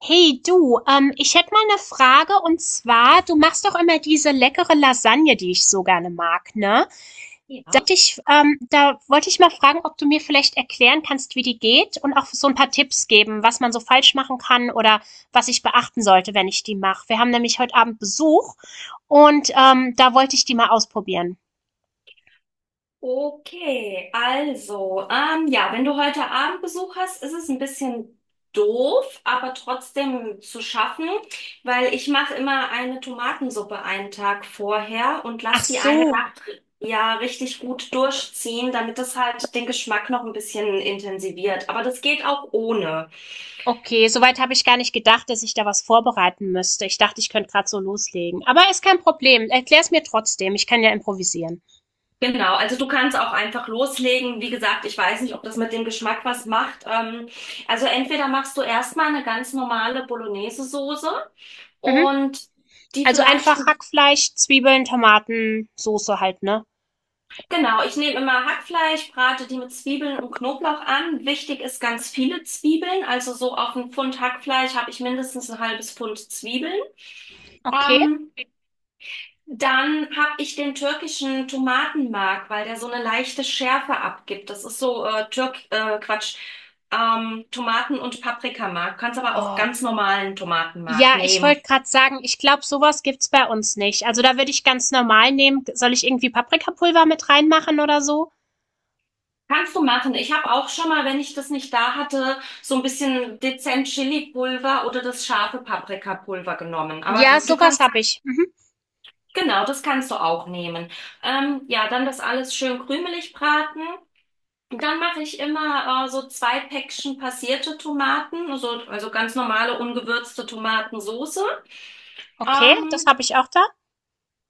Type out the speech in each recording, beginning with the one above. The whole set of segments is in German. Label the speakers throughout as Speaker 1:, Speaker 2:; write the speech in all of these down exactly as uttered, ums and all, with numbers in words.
Speaker 1: Hey du, ähm, ich hätte mal eine Frage und zwar, du machst doch immer diese leckere Lasagne, die ich so gerne mag, ne? Da
Speaker 2: Ja.
Speaker 1: hätte ich ähm, da wollte ich mal fragen, ob du mir vielleicht erklären kannst, wie die geht und auch so ein paar Tipps geben, was man so falsch machen kann oder was ich beachten sollte, wenn ich die mache. Wir haben nämlich heute Abend Besuch und, ähm, da wollte ich die mal ausprobieren.
Speaker 2: Okay, also, ähm, ja, wenn du heute Abend Besuch hast, ist es ein bisschen doof, aber trotzdem zu schaffen, weil ich mache immer eine Tomatensuppe einen Tag vorher und
Speaker 1: Ach
Speaker 2: lass die eine
Speaker 1: so.
Speaker 2: Nacht ja richtig gut durchziehen, damit das halt den Geschmack noch ein bisschen intensiviert. Aber das geht auch ohne.
Speaker 1: Okay, soweit habe ich gar nicht gedacht, dass ich da was vorbereiten müsste. Ich dachte, ich könnte gerade so loslegen. Aber ist kein Problem. Erklär es mir trotzdem. Ich kann ja improvisieren.
Speaker 2: Genau, also du kannst auch einfach loslegen. Wie gesagt, ich weiß nicht, ob das mit dem Geschmack was macht. Ähm, also entweder machst du erstmal eine ganz normale Bolognese-Soße
Speaker 1: Mhm.
Speaker 2: und die
Speaker 1: Also
Speaker 2: vielleicht,
Speaker 1: einfach Hackfleisch, Zwiebeln, Tomaten, Soße halt, ne?
Speaker 2: genau, ich nehme immer Hackfleisch, brate die mit Zwiebeln und Knoblauch an. Wichtig ist ganz viele Zwiebeln, also so auf ein Pfund Hackfleisch habe ich mindestens ein halbes Pfund Zwiebeln.
Speaker 1: Okay.
Speaker 2: Ähm, Dann habe ich den türkischen Tomatenmark, weil der so eine leichte Schärfe abgibt. Das ist so äh, Türk, äh, Quatsch, ähm, Tomaten- und Paprikamark. Kannst aber auch
Speaker 1: Oh,
Speaker 2: ganz normalen Tomatenmark
Speaker 1: ja, ich
Speaker 2: nehmen.
Speaker 1: wollte gerade sagen, ich glaube, sowas gibt's bei uns nicht. Also da würde ich ganz normal nehmen. Soll ich irgendwie Paprikapulver mit reinmachen oder so?
Speaker 2: Kannst du machen. Ich habe auch schon mal, wenn ich das nicht da hatte, so ein bisschen dezent Chili-Pulver oder das scharfe Paprikapulver genommen.
Speaker 1: Ja,
Speaker 2: Aber du
Speaker 1: sowas
Speaker 2: kannst,
Speaker 1: habe ich. Mhm.
Speaker 2: genau, das kannst du auch nehmen. Ähm, ja, dann das alles schön krümelig braten. Dann mache ich immer äh, so zwei Päckchen passierte Tomaten, also, also ganz normale ungewürzte Tomatensoße.
Speaker 1: Okay, das
Speaker 2: Ähm,
Speaker 1: habe ich auch da.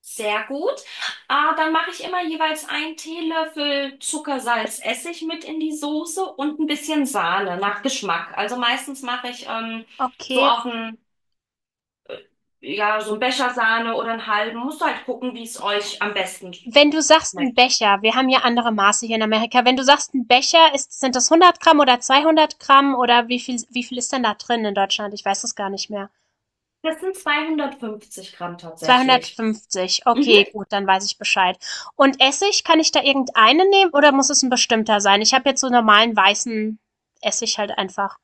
Speaker 2: Sehr gut. Äh, dann mache ich immer jeweils einen Teelöffel Zucker, Salz, Essig mit in die Soße und ein bisschen Sahne nach Geschmack. Also meistens mache ich ähm, so
Speaker 1: Okay,
Speaker 2: auf einen, ja, so einen Becher Sahne oder einen halben. Musst halt gucken, wie es euch am besten
Speaker 1: wenn du sagst ein
Speaker 2: schmeckt.
Speaker 1: Becher, wir haben ja andere Maße hier in Amerika, wenn du sagst ein Becher, ist, sind das hundert Gramm oder zweihundert Gramm oder wie viel, wie viel ist denn da drin in Deutschland? Ich weiß es gar nicht mehr.
Speaker 2: Das sind zweihundertfünfzig Gramm tatsächlich.
Speaker 1: zweihundertfünfzig,
Speaker 2: Mhm.
Speaker 1: okay, gut, dann weiß ich Bescheid. Und Essig, kann ich da irgendeinen nehmen oder muss es ein bestimmter sein? Ich habe jetzt so normalen weißen Essig halt einfach.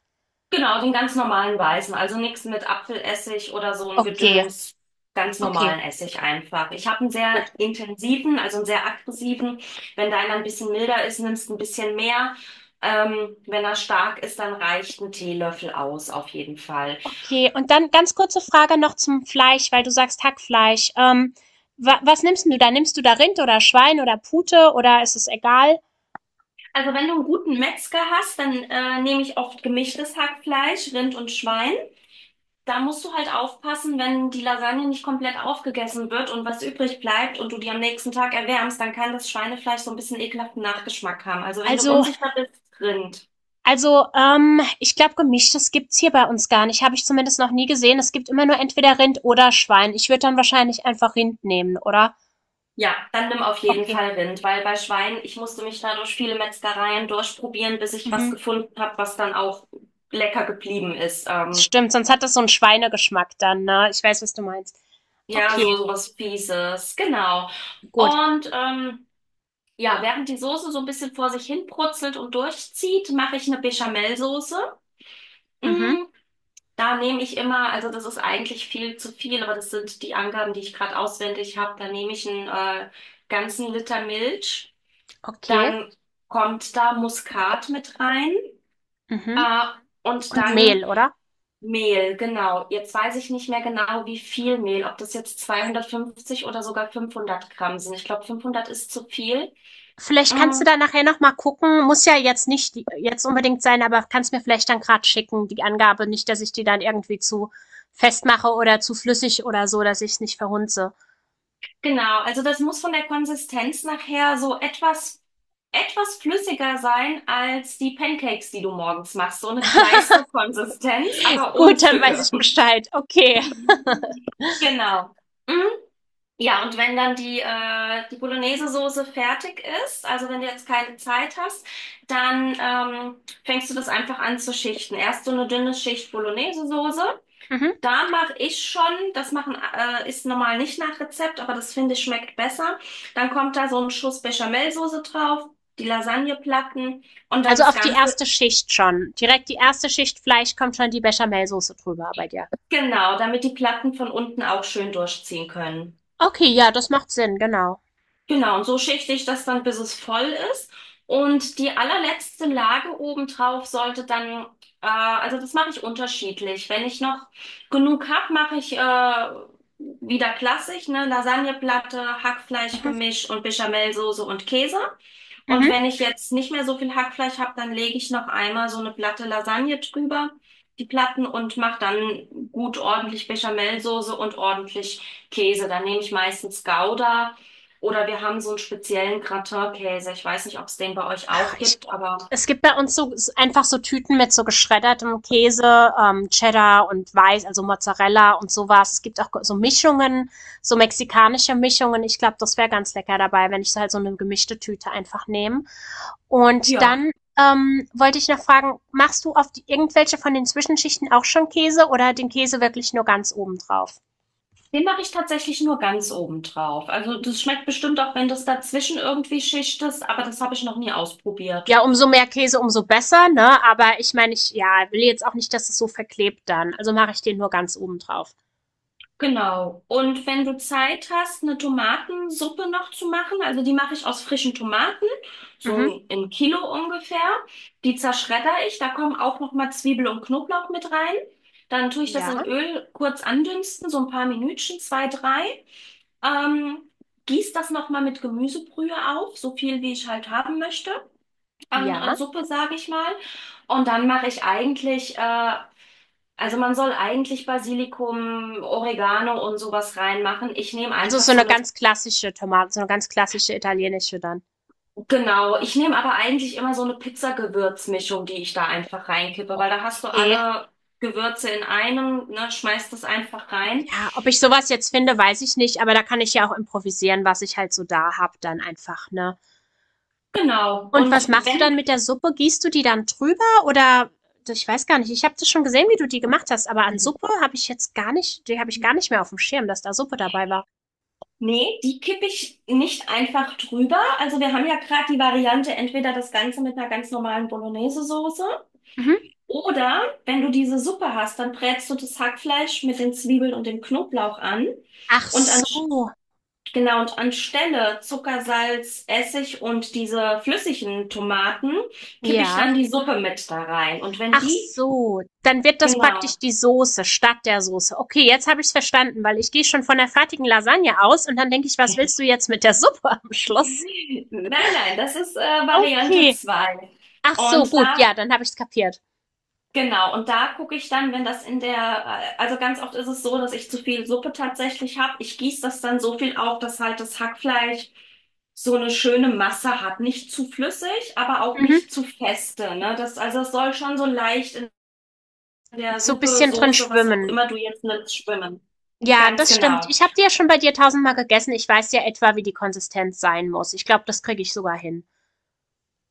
Speaker 2: Genau, den ganz normalen weißen, also nichts mit Apfelessig oder so ein
Speaker 1: Okay,
Speaker 2: Gedöns, ganz
Speaker 1: okay,
Speaker 2: normalen Essig einfach. Ich habe einen sehr
Speaker 1: gut.
Speaker 2: intensiven, also einen sehr aggressiven. Wenn deiner ein bisschen milder ist, nimmst du ein bisschen mehr. Ähm, wenn er stark ist, dann reicht ein Teelöffel aus, auf jeden Fall.
Speaker 1: Okay, und dann ganz kurze Frage noch zum Fleisch, weil du sagst Hackfleisch. Ähm, wa was nimmst denn du da? Nimmst du da Rind oder Schwein oder Pute oder ist es egal?
Speaker 2: Also wenn du einen guten Metzger hast, dann äh, nehme ich oft gemischtes Hackfleisch, Rind und Schwein. Da musst du halt aufpassen, wenn die Lasagne nicht komplett aufgegessen wird und was übrig bleibt und du die am nächsten Tag erwärmst, dann kann das Schweinefleisch so ein bisschen ekelhaften Nachgeschmack haben. Also wenn du
Speaker 1: Also,
Speaker 2: unsicher bist, Rind.
Speaker 1: also, ähm, ich glaube, gemischtes gibt's hier bei uns gar nicht. Habe ich zumindest noch nie gesehen. Es gibt immer nur entweder Rind oder Schwein. Ich würde dann wahrscheinlich einfach Rind nehmen, oder?
Speaker 2: Ja, dann nimm auf jeden
Speaker 1: Okay.
Speaker 2: Fall Rind, weil bei Schwein, ich musste mich da durch viele Metzgereien durchprobieren, bis ich was
Speaker 1: Mhm.
Speaker 2: gefunden habe, was dann auch lecker geblieben ist. Ähm,
Speaker 1: Stimmt, sonst hat das so einen Schweinegeschmack dann, ne? Ich weiß, was du meinst.
Speaker 2: ja,
Speaker 1: Okay,
Speaker 2: so, so was Fieses, genau.
Speaker 1: gut.
Speaker 2: Und ähm, ja, während die Soße so ein bisschen vor sich hin brutzelt und durchzieht, mache ich eine Bechamelsoße.
Speaker 1: Mhm.
Speaker 2: Mm. Da nehme ich immer, also das ist eigentlich viel zu viel, aber das sind die Angaben, die ich gerade auswendig habe. Da nehme ich einen äh, ganzen Liter Milch,
Speaker 1: Okay.
Speaker 2: dann kommt da Muskat mit rein,
Speaker 1: Mhm.
Speaker 2: äh, und
Speaker 1: Und
Speaker 2: dann
Speaker 1: Mehl, oder?
Speaker 2: Mehl, genau. Jetzt weiß ich nicht mehr genau, wie viel Mehl, ob das jetzt zweihundertfünfzig oder sogar fünfhundert Gramm sind. Ich glaube, fünfhundert ist zu viel.
Speaker 1: Vielleicht kannst du
Speaker 2: Mm.
Speaker 1: da nachher noch mal gucken. Muss ja jetzt nicht die- jetzt unbedingt sein, aber kannst mir vielleicht dann gerade schicken, die Angabe. Nicht, dass ich die dann irgendwie zu festmache oder zu flüssig oder so, dass ich es nicht verhunze.
Speaker 2: Genau, also das muss von der Konsistenz nachher so etwas, etwas flüssiger sein als die Pancakes, die du morgens machst. So eine Kleisterkonsistenz, aber ohne
Speaker 1: Gut, dann weiß
Speaker 2: Stücke.
Speaker 1: ich Bescheid. Okay.
Speaker 2: Genau. Mhm. Ja, und wenn dann die, äh, die Bolognese-Soße fertig ist, also wenn du jetzt keine Zeit hast, dann ähm, fängst du das einfach an zu schichten. Erst so eine dünne Schicht Bolognese-Soße,
Speaker 1: Mhm.
Speaker 2: da mache ich schon, das machen äh, ist normal nicht nach Rezept, aber das finde ich schmeckt besser. Dann kommt da so ein Schuss Bechamelsoße drauf, die Lasagneplatten und dann
Speaker 1: Also
Speaker 2: das
Speaker 1: auf die
Speaker 2: Ganze,
Speaker 1: erste Schicht schon. Direkt die erste Schicht Fleisch kommt schon die Bechamelsoße drüber bei dir.
Speaker 2: genau, damit die Platten von unten auch schön durchziehen können.
Speaker 1: Okay, ja, das macht Sinn, genau.
Speaker 2: Genau, und so schichte ich das dann, bis es voll ist. Und die allerletzte Lage obendrauf sollte dann, äh, also das mache ich unterschiedlich. Wenn ich noch genug habe, mache ich äh, wieder klassisch, ne, Lasagneplatte,
Speaker 1: Mhm.
Speaker 2: Hackfleischgemisch und Bechamelsoße und Käse. Und
Speaker 1: Mhm.
Speaker 2: wenn ich jetzt nicht mehr so viel Hackfleisch habe, dann lege ich noch einmal so eine Platte Lasagne drüber, die Platten, und mache dann gut ordentlich Bechamelsoße und ordentlich Käse. Dann nehme ich meistens Gouda oder wir haben so einen speziellen Gratin-Käse. Ich weiß nicht, ob es den bei euch auch
Speaker 1: ich,
Speaker 2: gibt, aber
Speaker 1: es gibt bei uns so einfach so Tüten mit so geschreddertem Käse, ähm, Cheddar und Weiß, also Mozzarella und sowas. Es gibt auch so Mischungen, so mexikanische Mischungen. Ich glaube, das wäre ganz lecker dabei, wenn ich so halt so eine gemischte Tüte einfach nehme. Und
Speaker 2: ja,
Speaker 1: dann ähm, wollte ich noch fragen, machst du auf die, irgendwelche von den Zwischenschichten auch schon Käse oder den Käse wirklich nur ganz oben drauf?
Speaker 2: den mache ich tatsächlich nur ganz oben drauf. Also das schmeckt bestimmt auch, wenn das dazwischen irgendwie Schicht ist, aber das habe ich noch nie
Speaker 1: Ja,
Speaker 2: ausprobiert.
Speaker 1: umso mehr Käse, umso besser, ne? Aber ich meine, ich ja, will jetzt auch nicht, dass es so verklebt dann. Also mache ich den nur ganz oben drauf.
Speaker 2: Genau. Und wenn du Zeit hast, eine Tomatensuppe noch zu machen, also die mache ich aus frischen Tomaten,
Speaker 1: Mhm.
Speaker 2: so ein, ein Kilo ungefähr. Die zerschredder ich, da kommen auch noch mal Zwiebel und Knoblauch mit rein. Dann tue ich das in
Speaker 1: Ja.
Speaker 2: Öl kurz andünsten, so ein paar Minütchen, zwei, drei. Ähm, Gieß das noch mal mit Gemüsebrühe auf, so viel wie ich halt haben möchte an
Speaker 1: Ja.
Speaker 2: äh, Suppe, sage ich mal. Und dann mache ich eigentlich äh, also man soll eigentlich Basilikum, Oregano und sowas reinmachen. Ich nehme
Speaker 1: Also,
Speaker 2: einfach
Speaker 1: so
Speaker 2: so
Speaker 1: eine
Speaker 2: eine,
Speaker 1: ganz klassische Tomate so eine ganz klassische italienische dann.
Speaker 2: genau, ich nehme aber eigentlich immer so eine Pizzagewürzmischung, die ich da einfach reinkippe, weil da hast du
Speaker 1: Okay.
Speaker 2: alle Gewürze in einem, ne, schmeißt das einfach rein.
Speaker 1: Ja, ob ich sowas jetzt finde, weiß ich nicht, aber da kann ich ja auch improvisieren, was ich halt so da hab dann einfach, ne?
Speaker 2: Genau.
Speaker 1: Und was
Speaker 2: Und
Speaker 1: machst du
Speaker 2: wenn,
Speaker 1: dann mit der Suppe? Gießt du die dann drüber oder ich weiß gar nicht. Ich habe das schon gesehen, wie du die gemacht hast, aber an Suppe habe ich jetzt gar nicht die habe ich gar nicht mehr auf dem Schirm, dass da Suppe dabei war.
Speaker 2: nee, die kippe ich nicht einfach drüber. Also wir haben ja gerade die Variante, entweder das Ganze mit einer ganz normalen Bolognese-Soße.
Speaker 1: Mhm.
Speaker 2: Oder wenn du diese Suppe hast, dann brätst du das Hackfleisch mit den Zwiebeln und dem Knoblauch an
Speaker 1: Ach
Speaker 2: und an,
Speaker 1: so.
Speaker 2: genau, und anstelle Zucker, Salz, Essig und diese flüssigen Tomaten kippe ich
Speaker 1: Ja.
Speaker 2: dann die Suppe mit da rein. Und wenn
Speaker 1: Ach
Speaker 2: die,
Speaker 1: so, dann wird das
Speaker 2: genau,
Speaker 1: praktisch die Soße statt der Soße. Okay, jetzt habe ich es verstanden, weil ich gehe schon von der fertigen Lasagne aus und dann denke ich, was willst du jetzt mit der Suppe am Schluss?
Speaker 2: nein, nein, das ist äh, Variante
Speaker 1: Okay.
Speaker 2: zwei.
Speaker 1: Ach so,
Speaker 2: Und
Speaker 1: gut,
Speaker 2: da
Speaker 1: ja, dann habe ich es kapiert.
Speaker 2: Genau, und da gucke ich dann, wenn das in der, äh, also ganz oft ist es so, dass ich zu viel Suppe tatsächlich habe. Ich gieße das dann so viel auf, dass halt das Hackfleisch so eine schöne Masse hat. Nicht zu flüssig, aber auch
Speaker 1: Mhm.
Speaker 2: nicht zu feste, ne? Das, also es soll schon so leicht in der
Speaker 1: So ein
Speaker 2: Suppe,
Speaker 1: bisschen drin
Speaker 2: Soße, was auch
Speaker 1: schwimmen.
Speaker 2: immer du jetzt nimmst, schwimmen.
Speaker 1: Ja,
Speaker 2: Ganz
Speaker 1: das stimmt.
Speaker 2: genau.
Speaker 1: Ich habe die ja schon bei dir tausendmal gegessen. Ich weiß ja etwa, wie die Konsistenz sein muss. Ich glaube, das kriege ich sogar hin.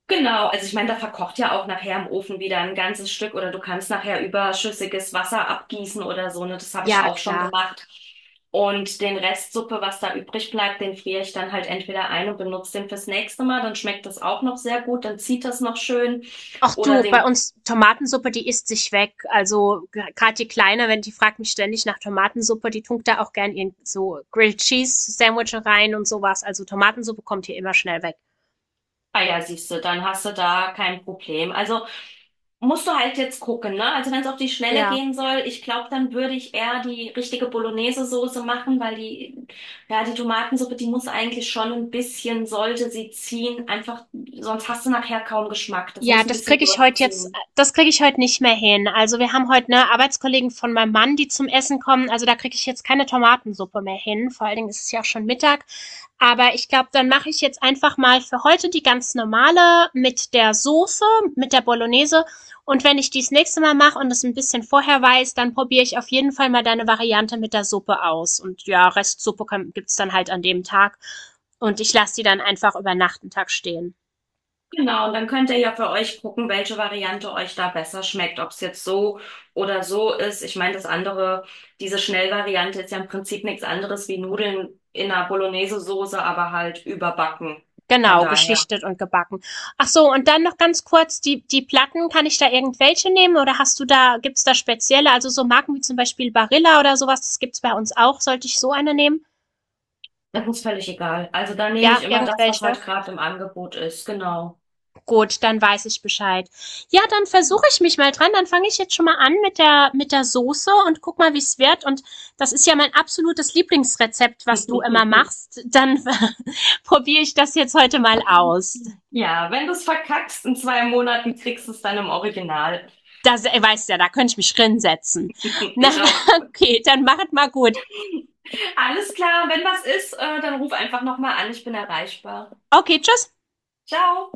Speaker 2: Genau, also ich meine, da verkocht ja auch nachher im Ofen wieder ein ganzes Stück oder du kannst nachher überschüssiges Wasser abgießen oder so, ne? Das habe ich
Speaker 1: Ja,
Speaker 2: auch schon
Speaker 1: klar.
Speaker 2: gemacht. Und den Rest Suppe, was da übrig bleibt, den friere ich dann halt entweder ein und benutze den fürs nächste Mal, dann schmeckt das auch noch sehr gut, dann zieht das noch schön.
Speaker 1: Ach
Speaker 2: Oder
Speaker 1: du, bei
Speaker 2: den
Speaker 1: uns Tomatensuppe, die isst sich weg. Also gerade die Kleine, wenn die fragt mich ständig nach Tomatensuppe, die tunkt da auch gern ihren so Grilled Cheese Sandwich rein und sowas. Also Tomatensuppe kommt hier immer schnell weg.
Speaker 2: Ah ja, siehst du, dann hast du da kein Problem. Also musst du halt jetzt gucken, ne? Also wenn es auf die Schnelle
Speaker 1: Ja.
Speaker 2: gehen soll, ich glaube, dann würde ich eher die richtige Bolognese-Soße machen, weil die, ja, die Tomatensuppe, die muss eigentlich schon ein bisschen, sollte sie ziehen, einfach, sonst hast du nachher kaum Geschmack. Das
Speaker 1: Ja,
Speaker 2: muss ein
Speaker 1: das
Speaker 2: bisschen
Speaker 1: kriege ich heute jetzt
Speaker 2: durchziehen.
Speaker 1: das kriege ich heute nicht mehr hin. Also, wir haben heute ne, Arbeitskollegen von meinem Mann, die zum Essen kommen. Also, da kriege ich jetzt keine Tomatensuppe mehr hin. Vor allen Dingen ist es ja auch schon Mittag. Aber ich glaube, dann mache ich jetzt einfach mal für heute die ganz normale mit der Soße, mit der Bolognese. Und wenn ich die's nächste Mal mache und es ein bisschen vorher weiß, dann probiere ich auf jeden Fall mal deine Variante mit der Suppe aus. Und ja, Restsuppe kann gibt's dann halt an dem Tag. Und ich lasse die dann einfach über Nacht 'n Tag stehen.
Speaker 2: Genau, und dann könnt ihr ja für euch gucken, welche Variante euch da besser schmeckt, ob es jetzt so oder so ist. Ich meine, das andere, diese Schnellvariante ist ja im Prinzip nichts anderes wie Nudeln in einer Bolognese-Soße, aber halt überbacken. Von
Speaker 1: Genau,
Speaker 2: daher,
Speaker 1: geschichtet und gebacken. Ach so, und dann noch ganz kurz, die, die Platten, kann ich da irgendwelche nehmen oder hast du da, gibt's da spezielle, also so Marken wie zum Beispiel Barilla oder sowas, das gibt's bei uns auch. Sollte ich so eine nehmen?
Speaker 2: das ist völlig egal. Also da nehme
Speaker 1: Ja,
Speaker 2: ich immer das, was
Speaker 1: irgendwelche.
Speaker 2: halt gerade im Angebot ist, genau.
Speaker 1: Gut, dann weiß ich Bescheid. Ja, dann versuche ich mich mal dran. Dann fange ich jetzt schon mal an mit der, mit der Soße und guck mal, wie's wird. Und das ist ja mein absolutes Lieblingsrezept, was du immer machst. Dann probiere ich das jetzt heute mal aus.
Speaker 2: Ja, wenn du es verkackst, in zwei Monaten kriegst du es dann im Original.
Speaker 1: Das, äh, weißt ja, da könnte ich mich drin setzen. Na,
Speaker 2: Ich auch.
Speaker 1: okay, dann macht mal gut.
Speaker 2: Alles klar, wenn was ist, äh, dann ruf einfach nochmal an, ich bin erreichbar.
Speaker 1: Okay, tschüss.
Speaker 2: Ciao.